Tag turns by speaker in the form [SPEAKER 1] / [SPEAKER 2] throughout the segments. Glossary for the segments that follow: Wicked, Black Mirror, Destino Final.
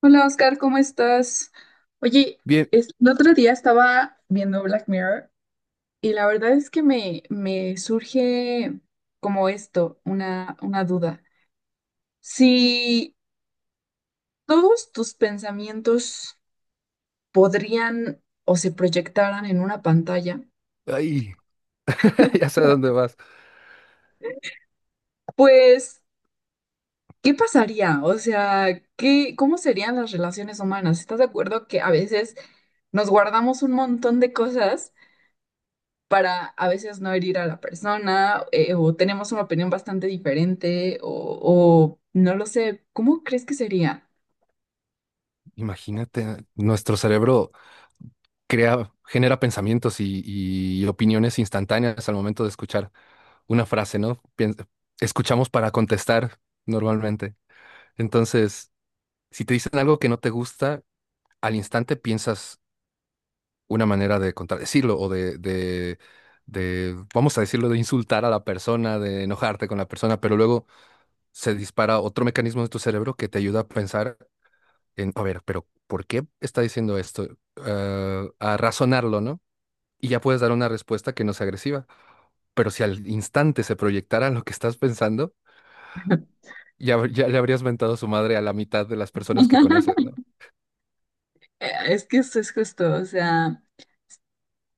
[SPEAKER 1] Hola Oscar, ¿cómo estás? Oye,
[SPEAKER 2] Bien.
[SPEAKER 1] el otro día estaba viendo Black Mirror y la verdad es que me surge como esto, una duda. Si todos tus pensamientos podrían o se proyectaran en una pantalla,
[SPEAKER 2] Ay, ya sé a dónde vas.
[SPEAKER 1] pues, ¿qué pasaría? O sea, ¿qué, cómo serían las relaciones humanas? ¿Estás de acuerdo que a veces nos guardamos un montón de cosas, para a veces no herir a la persona, o tenemos una opinión bastante diferente, o no lo sé, ¿cómo crees que sería?
[SPEAKER 2] Imagínate, nuestro cerebro crea, genera pensamientos y opiniones instantáneas al momento de escuchar una frase, ¿no? Escuchamos para contestar normalmente. Entonces, si te dicen algo que no te gusta, al instante piensas una manera de contradecirlo o de, vamos a decirlo, de insultar a la persona, de enojarte con la persona, pero luego se dispara otro mecanismo de tu cerebro que te ayuda a pensar en, a ver, pero ¿por qué está diciendo esto? Ah, a razonarlo, ¿no? Y ya puedes dar una respuesta que no sea agresiva. Pero si al instante se proyectara lo que estás pensando, ya, ya le habrías mentado su madre a la mitad de las personas que conoces, ¿no?
[SPEAKER 1] Es que eso es justo, o sea,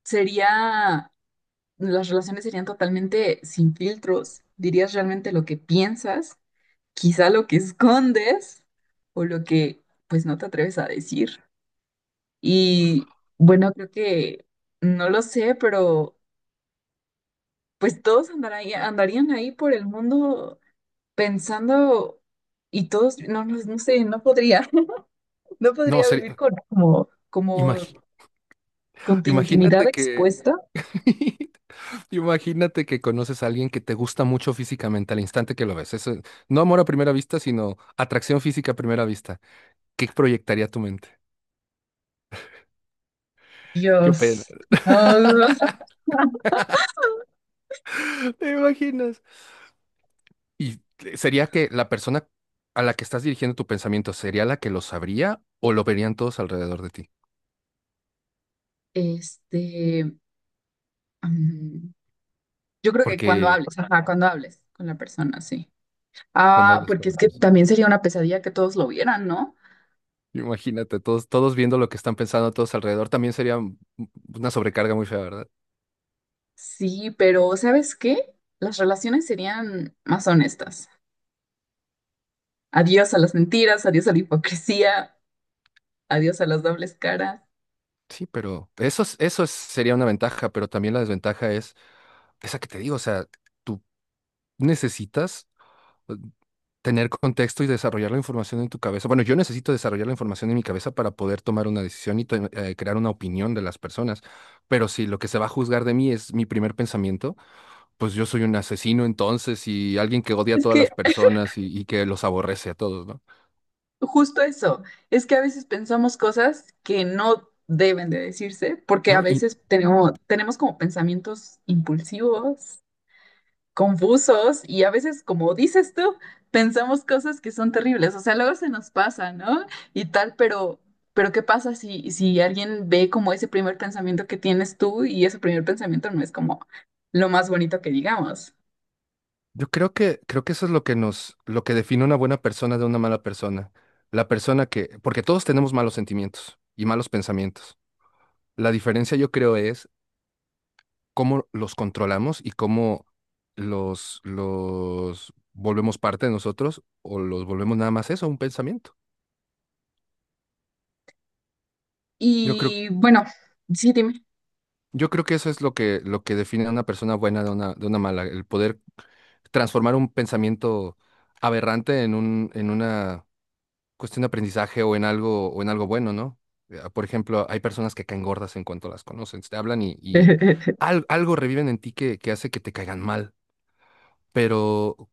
[SPEAKER 1] sería, las relaciones serían totalmente sin filtros, dirías realmente lo que piensas, quizá lo que escondes, o lo que pues no te atreves a decir. Y bueno, creo que no lo sé, pero pues todos andarían, andarían ahí por el mundo pensando y todos, no sé, no podría, no
[SPEAKER 2] No,
[SPEAKER 1] podría vivir
[SPEAKER 2] sería,
[SPEAKER 1] con
[SPEAKER 2] imagi-
[SPEAKER 1] como con tu intimidad
[SPEAKER 2] imagínate que,
[SPEAKER 1] expuesta.
[SPEAKER 2] imagínate que conoces a alguien que te gusta mucho físicamente al instante que lo ves. Eso, no amor a primera vista, sino atracción física a primera vista. ¿Qué proyectaría tu mente? Qué pena.
[SPEAKER 1] Dios, no.
[SPEAKER 2] ¿Te imaginas? ¿Y sería que la persona a la que estás dirigiendo tu pensamiento sería la que lo sabría o lo verían todos alrededor de ti?
[SPEAKER 1] Este, mm, yo creo que cuando
[SPEAKER 2] Porque
[SPEAKER 1] hables, ajá, cuando hables con la persona, sí.
[SPEAKER 2] cuando
[SPEAKER 1] Ah,
[SPEAKER 2] hablas con
[SPEAKER 1] porque
[SPEAKER 2] la
[SPEAKER 1] es que
[SPEAKER 2] persona,
[SPEAKER 1] también sería una pesadilla que todos lo vieran, ¿no?
[SPEAKER 2] imagínate, todos viendo lo que están pensando todos alrededor, también sería una sobrecarga muy fea, ¿verdad?
[SPEAKER 1] Sí, pero ¿sabes qué? Las relaciones serían más honestas. Adiós a las mentiras, adiós a la hipocresía, adiós a las dobles caras.
[SPEAKER 2] Sí, pero eso, sería una ventaja, pero también la desventaja es esa que te digo, o sea, tú necesitas eh, tener contexto y desarrollar la información en tu cabeza. Bueno, yo necesito desarrollar la información en mi cabeza para poder tomar una decisión y crear una opinión de las personas. Pero si lo que se va a juzgar de mí es mi primer pensamiento, pues yo soy un asesino entonces y alguien que odia a
[SPEAKER 1] Es
[SPEAKER 2] todas
[SPEAKER 1] que
[SPEAKER 2] las personas y que los aborrece a todos, ¿no?
[SPEAKER 1] justo eso, es que a veces pensamos cosas que no deben de decirse, porque a
[SPEAKER 2] No, y
[SPEAKER 1] veces tenemos como pensamientos impulsivos confusos y a veces, como dices tú, pensamos cosas que son terribles, o sea, luego se nos pasa, ¿no? Y tal, pero ¿qué pasa si, si alguien ve como ese primer pensamiento que tienes tú y ese primer pensamiento no es como lo más bonito que digamos?
[SPEAKER 2] yo creo que eso es lo que nos, lo que define una buena persona de una mala persona. La persona que, porque todos tenemos malos sentimientos y malos pensamientos. La diferencia yo creo es cómo los controlamos y cómo los volvemos parte de nosotros o los volvemos nada más eso, un pensamiento. Yo creo,
[SPEAKER 1] Y bueno, sí, dime.
[SPEAKER 2] yo creo que eso es lo que define a una persona buena de una mala, el poder transformar un pensamiento aberrante en un, en una cuestión de aprendizaje o en algo bueno, ¿no? Por ejemplo, hay personas que caen gordas en cuanto las conocen, te hablan y algo reviven en ti que hace que te caigan mal, pero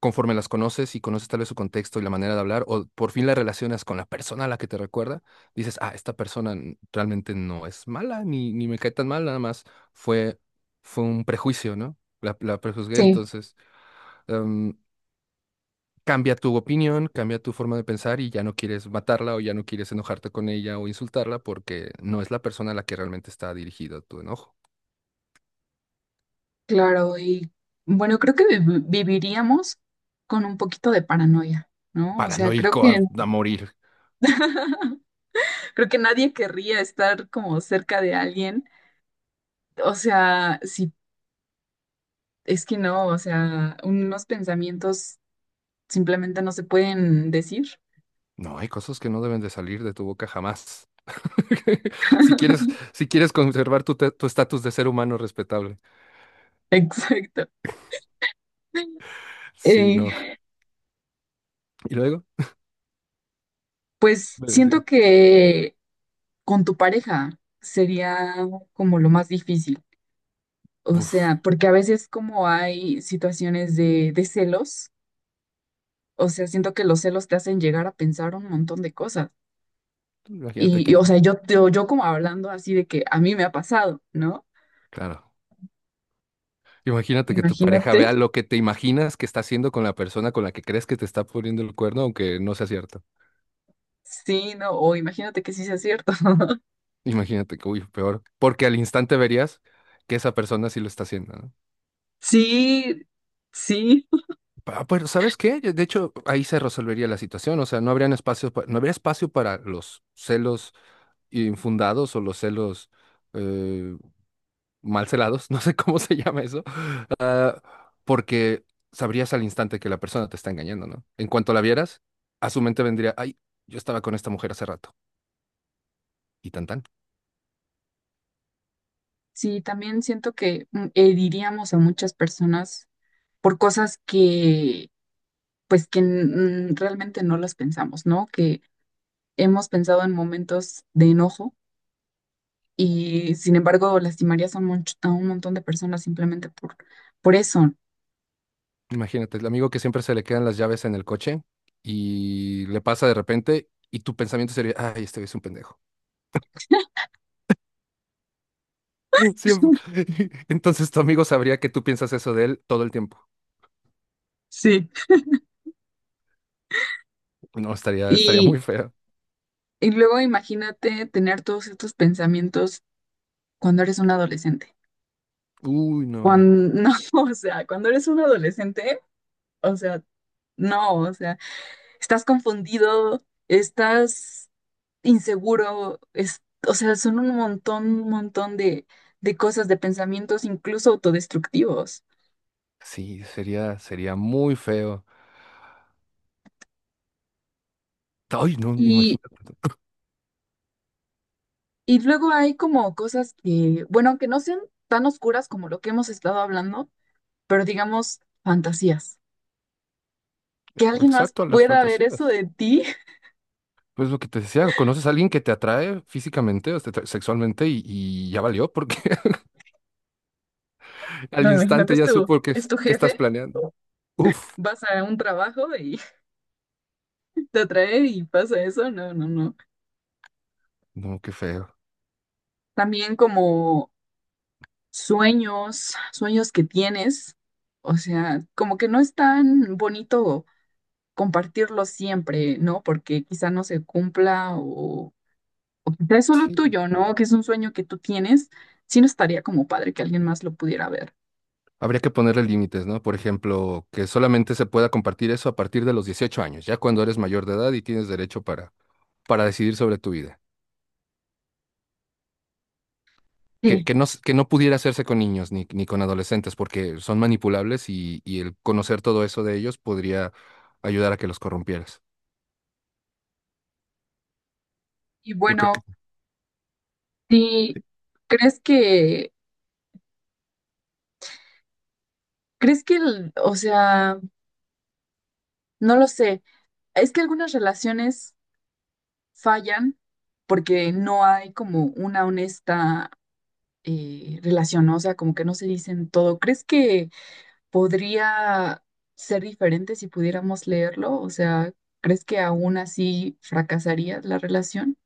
[SPEAKER 2] conforme las conoces y conoces tal vez su contexto y la manera de hablar, o por fin la relacionas con la persona a la que te recuerda, dices, ah, esta persona realmente no es mala, ni me cae tan mal, nada más fue, fue un prejuicio, ¿no? La prejuzgué,
[SPEAKER 1] Sí,
[SPEAKER 2] entonces em, cambia tu opinión, cambia tu forma de pensar y ya no quieres matarla o ya no quieres enojarte con ella o insultarla porque no es la persona a la que realmente está dirigido tu enojo.
[SPEAKER 1] claro, y bueno, creo que viviríamos con un poquito de paranoia, ¿no? O sea, creo
[SPEAKER 2] Paranoico
[SPEAKER 1] que
[SPEAKER 2] a morir.
[SPEAKER 1] creo que nadie querría estar como cerca de alguien. O sea, si es que no, o sea, unos pensamientos simplemente no se pueden decir.
[SPEAKER 2] No, hay cosas que no deben de salir de tu boca jamás. Si quieres, si quieres conservar tu tu estatus de ser humano respetable.
[SPEAKER 1] Exacto.
[SPEAKER 2] Sí,
[SPEAKER 1] Eh,
[SPEAKER 2] no. Y luego
[SPEAKER 1] pues
[SPEAKER 2] me decías,
[SPEAKER 1] siento que con tu pareja sería como lo más difícil. O
[SPEAKER 2] "Uf,
[SPEAKER 1] sea, porque a veces como hay situaciones de celos, o sea, siento que los celos te hacen llegar a pensar un montón de cosas.
[SPEAKER 2] imagínate que,
[SPEAKER 1] Y, o sea, yo como hablando así de que a mí me ha pasado, ¿no?
[SPEAKER 2] claro, imagínate que tu pareja
[SPEAKER 1] Imagínate,
[SPEAKER 2] vea lo que te imaginas que está haciendo con la persona con la que crees que te está poniendo el cuerno, aunque no sea cierto.
[SPEAKER 1] sí, no, o imagínate que sí sea cierto.
[SPEAKER 2] Imagínate que, uy, peor, porque al instante verías que esa persona sí lo está haciendo, ¿no?
[SPEAKER 1] Sí, sí,
[SPEAKER 2] Ah, pero ¿sabes qué? De hecho, ahí se resolvería la situación, o sea, no habrían espacio, no habría espacio para los celos infundados o los celos eh, malcelados, no sé cómo se llama eso, ah, porque sabrías al instante que la persona te está engañando, ¿no? En cuanto la vieras, a su mente vendría, ay, yo estaba con esta mujer hace rato, y tan tan.
[SPEAKER 1] sí, también siento que heriríamos a muchas personas por cosas que, pues, que realmente no las pensamos, ¿no? Que hemos pensado en momentos de enojo y, sin embargo, lastimarías a un, a un montón de personas simplemente por eso.
[SPEAKER 2] Imagínate, el amigo que siempre se le quedan las llaves en el coche y le pasa de repente y tu pensamiento sería, ay, este güey es un pendejo. Siempre. Entonces tu amigo sabría que tú piensas eso de él todo el tiempo.
[SPEAKER 1] Sí.
[SPEAKER 2] No, estaría
[SPEAKER 1] Y,
[SPEAKER 2] muy feo.
[SPEAKER 1] y luego imagínate tener todos estos pensamientos cuando eres un adolescente.
[SPEAKER 2] Uy, no.
[SPEAKER 1] Cuando, no, o sea, cuando eres un adolescente, o sea, no, o sea, estás confundido, estás inseguro, es, o sea, son un montón de cosas, de pensamientos incluso autodestructivos.
[SPEAKER 2] Sí, sería muy feo. Ay, no,
[SPEAKER 1] Y,
[SPEAKER 2] imagínate.
[SPEAKER 1] y luego hay como cosas que, bueno, aunque no sean tan oscuras como lo que hemos estado hablando, pero digamos fantasías. Que alguien más
[SPEAKER 2] Exacto, a las
[SPEAKER 1] pueda ver eso
[SPEAKER 2] fantasías.
[SPEAKER 1] de ti.
[SPEAKER 2] Pues lo que te decía, conoces a alguien que te atrae físicamente o te atrae sexualmente y ya valió porque al
[SPEAKER 1] No, imagínate,
[SPEAKER 2] instante ya supo que,
[SPEAKER 1] es tu
[SPEAKER 2] que estás
[SPEAKER 1] jefe,
[SPEAKER 2] planeando. Uf,
[SPEAKER 1] vas a un trabajo y te atrae y pasa eso. No, no, no.
[SPEAKER 2] no, qué feo.
[SPEAKER 1] También como sueños, sueños que tienes. O sea, como que no es tan bonito compartirlo siempre, ¿no? Porque quizá no se cumpla o quizá es solo
[SPEAKER 2] Sí.
[SPEAKER 1] tuyo, ¿no? Que es un sueño que tú tienes. Sí, no estaría como padre que alguien más lo pudiera ver.
[SPEAKER 2] Habría que ponerle límites, ¿no? Por ejemplo, que solamente se pueda compartir eso a partir de los 18 años, ya cuando eres mayor de edad y tienes derecho para decidir sobre tu vida.
[SPEAKER 1] Sí.
[SPEAKER 2] Que no, que no pudiera hacerse con niños ni con adolescentes porque son manipulables y el conocer todo eso de ellos podría ayudar a que los corrompieras.
[SPEAKER 1] Y
[SPEAKER 2] Yo creo que
[SPEAKER 1] bueno, sí, ¿crees que, crees que, o sea, no lo sé. Es que algunas relaciones fallan porque no hay como una honesta relación, ¿no? O sea, como que no se dicen todo. ¿Crees que podría ser diferente si pudiéramos leerlo? O sea, ¿crees que aún así fracasaría la relación?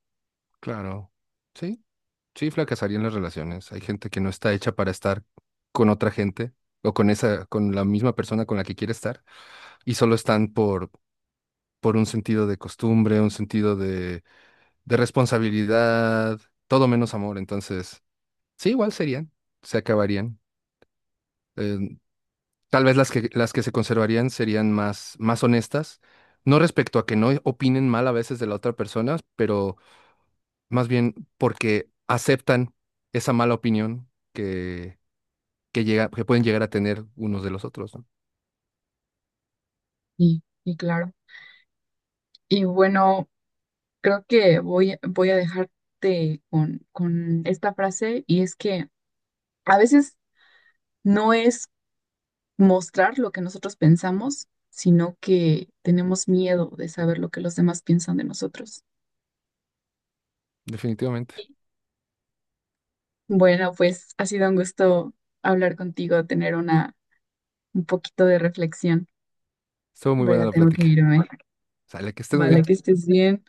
[SPEAKER 2] claro. Sí, sí, fracasarían las relaciones. Hay gente que no está hecha para estar con otra gente o con esa, con la misma persona con la que quiere estar y solo están por un sentido de costumbre, un sentido de responsabilidad, todo menos amor. Entonces, sí, igual serían, se acabarían. Eh, tal vez las que se conservarían serían más honestas, no respecto a que no opinen mal a veces de la otra persona, pero más bien porque aceptan esa mala opinión que llega, que pueden llegar a tener unos de los otros, ¿no?
[SPEAKER 1] Y claro. Y bueno, creo que voy a dejarte con esta frase y es que a veces no es mostrar lo que nosotros pensamos, sino que tenemos miedo de saber lo que los demás piensan de nosotros.
[SPEAKER 2] Definitivamente.
[SPEAKER 1] Bueno, pues ha sido un gusto hablar contigo, tener una un poquito de reflexión,
[SPEAKER 2] Estuvo muy
[SPEAKER 1] pero
[SPEAKER 2] buena
[SPEAKER 1] ya
[SPEAKER 2] la
[SPEAKER 1] tengo que
[SPEAKER 2] plática.
[SPEAKER 1] irme.
[SPEAKER 2] Sale, que estés muy bien.
[SPEAKER 1] Vale, que estés bien.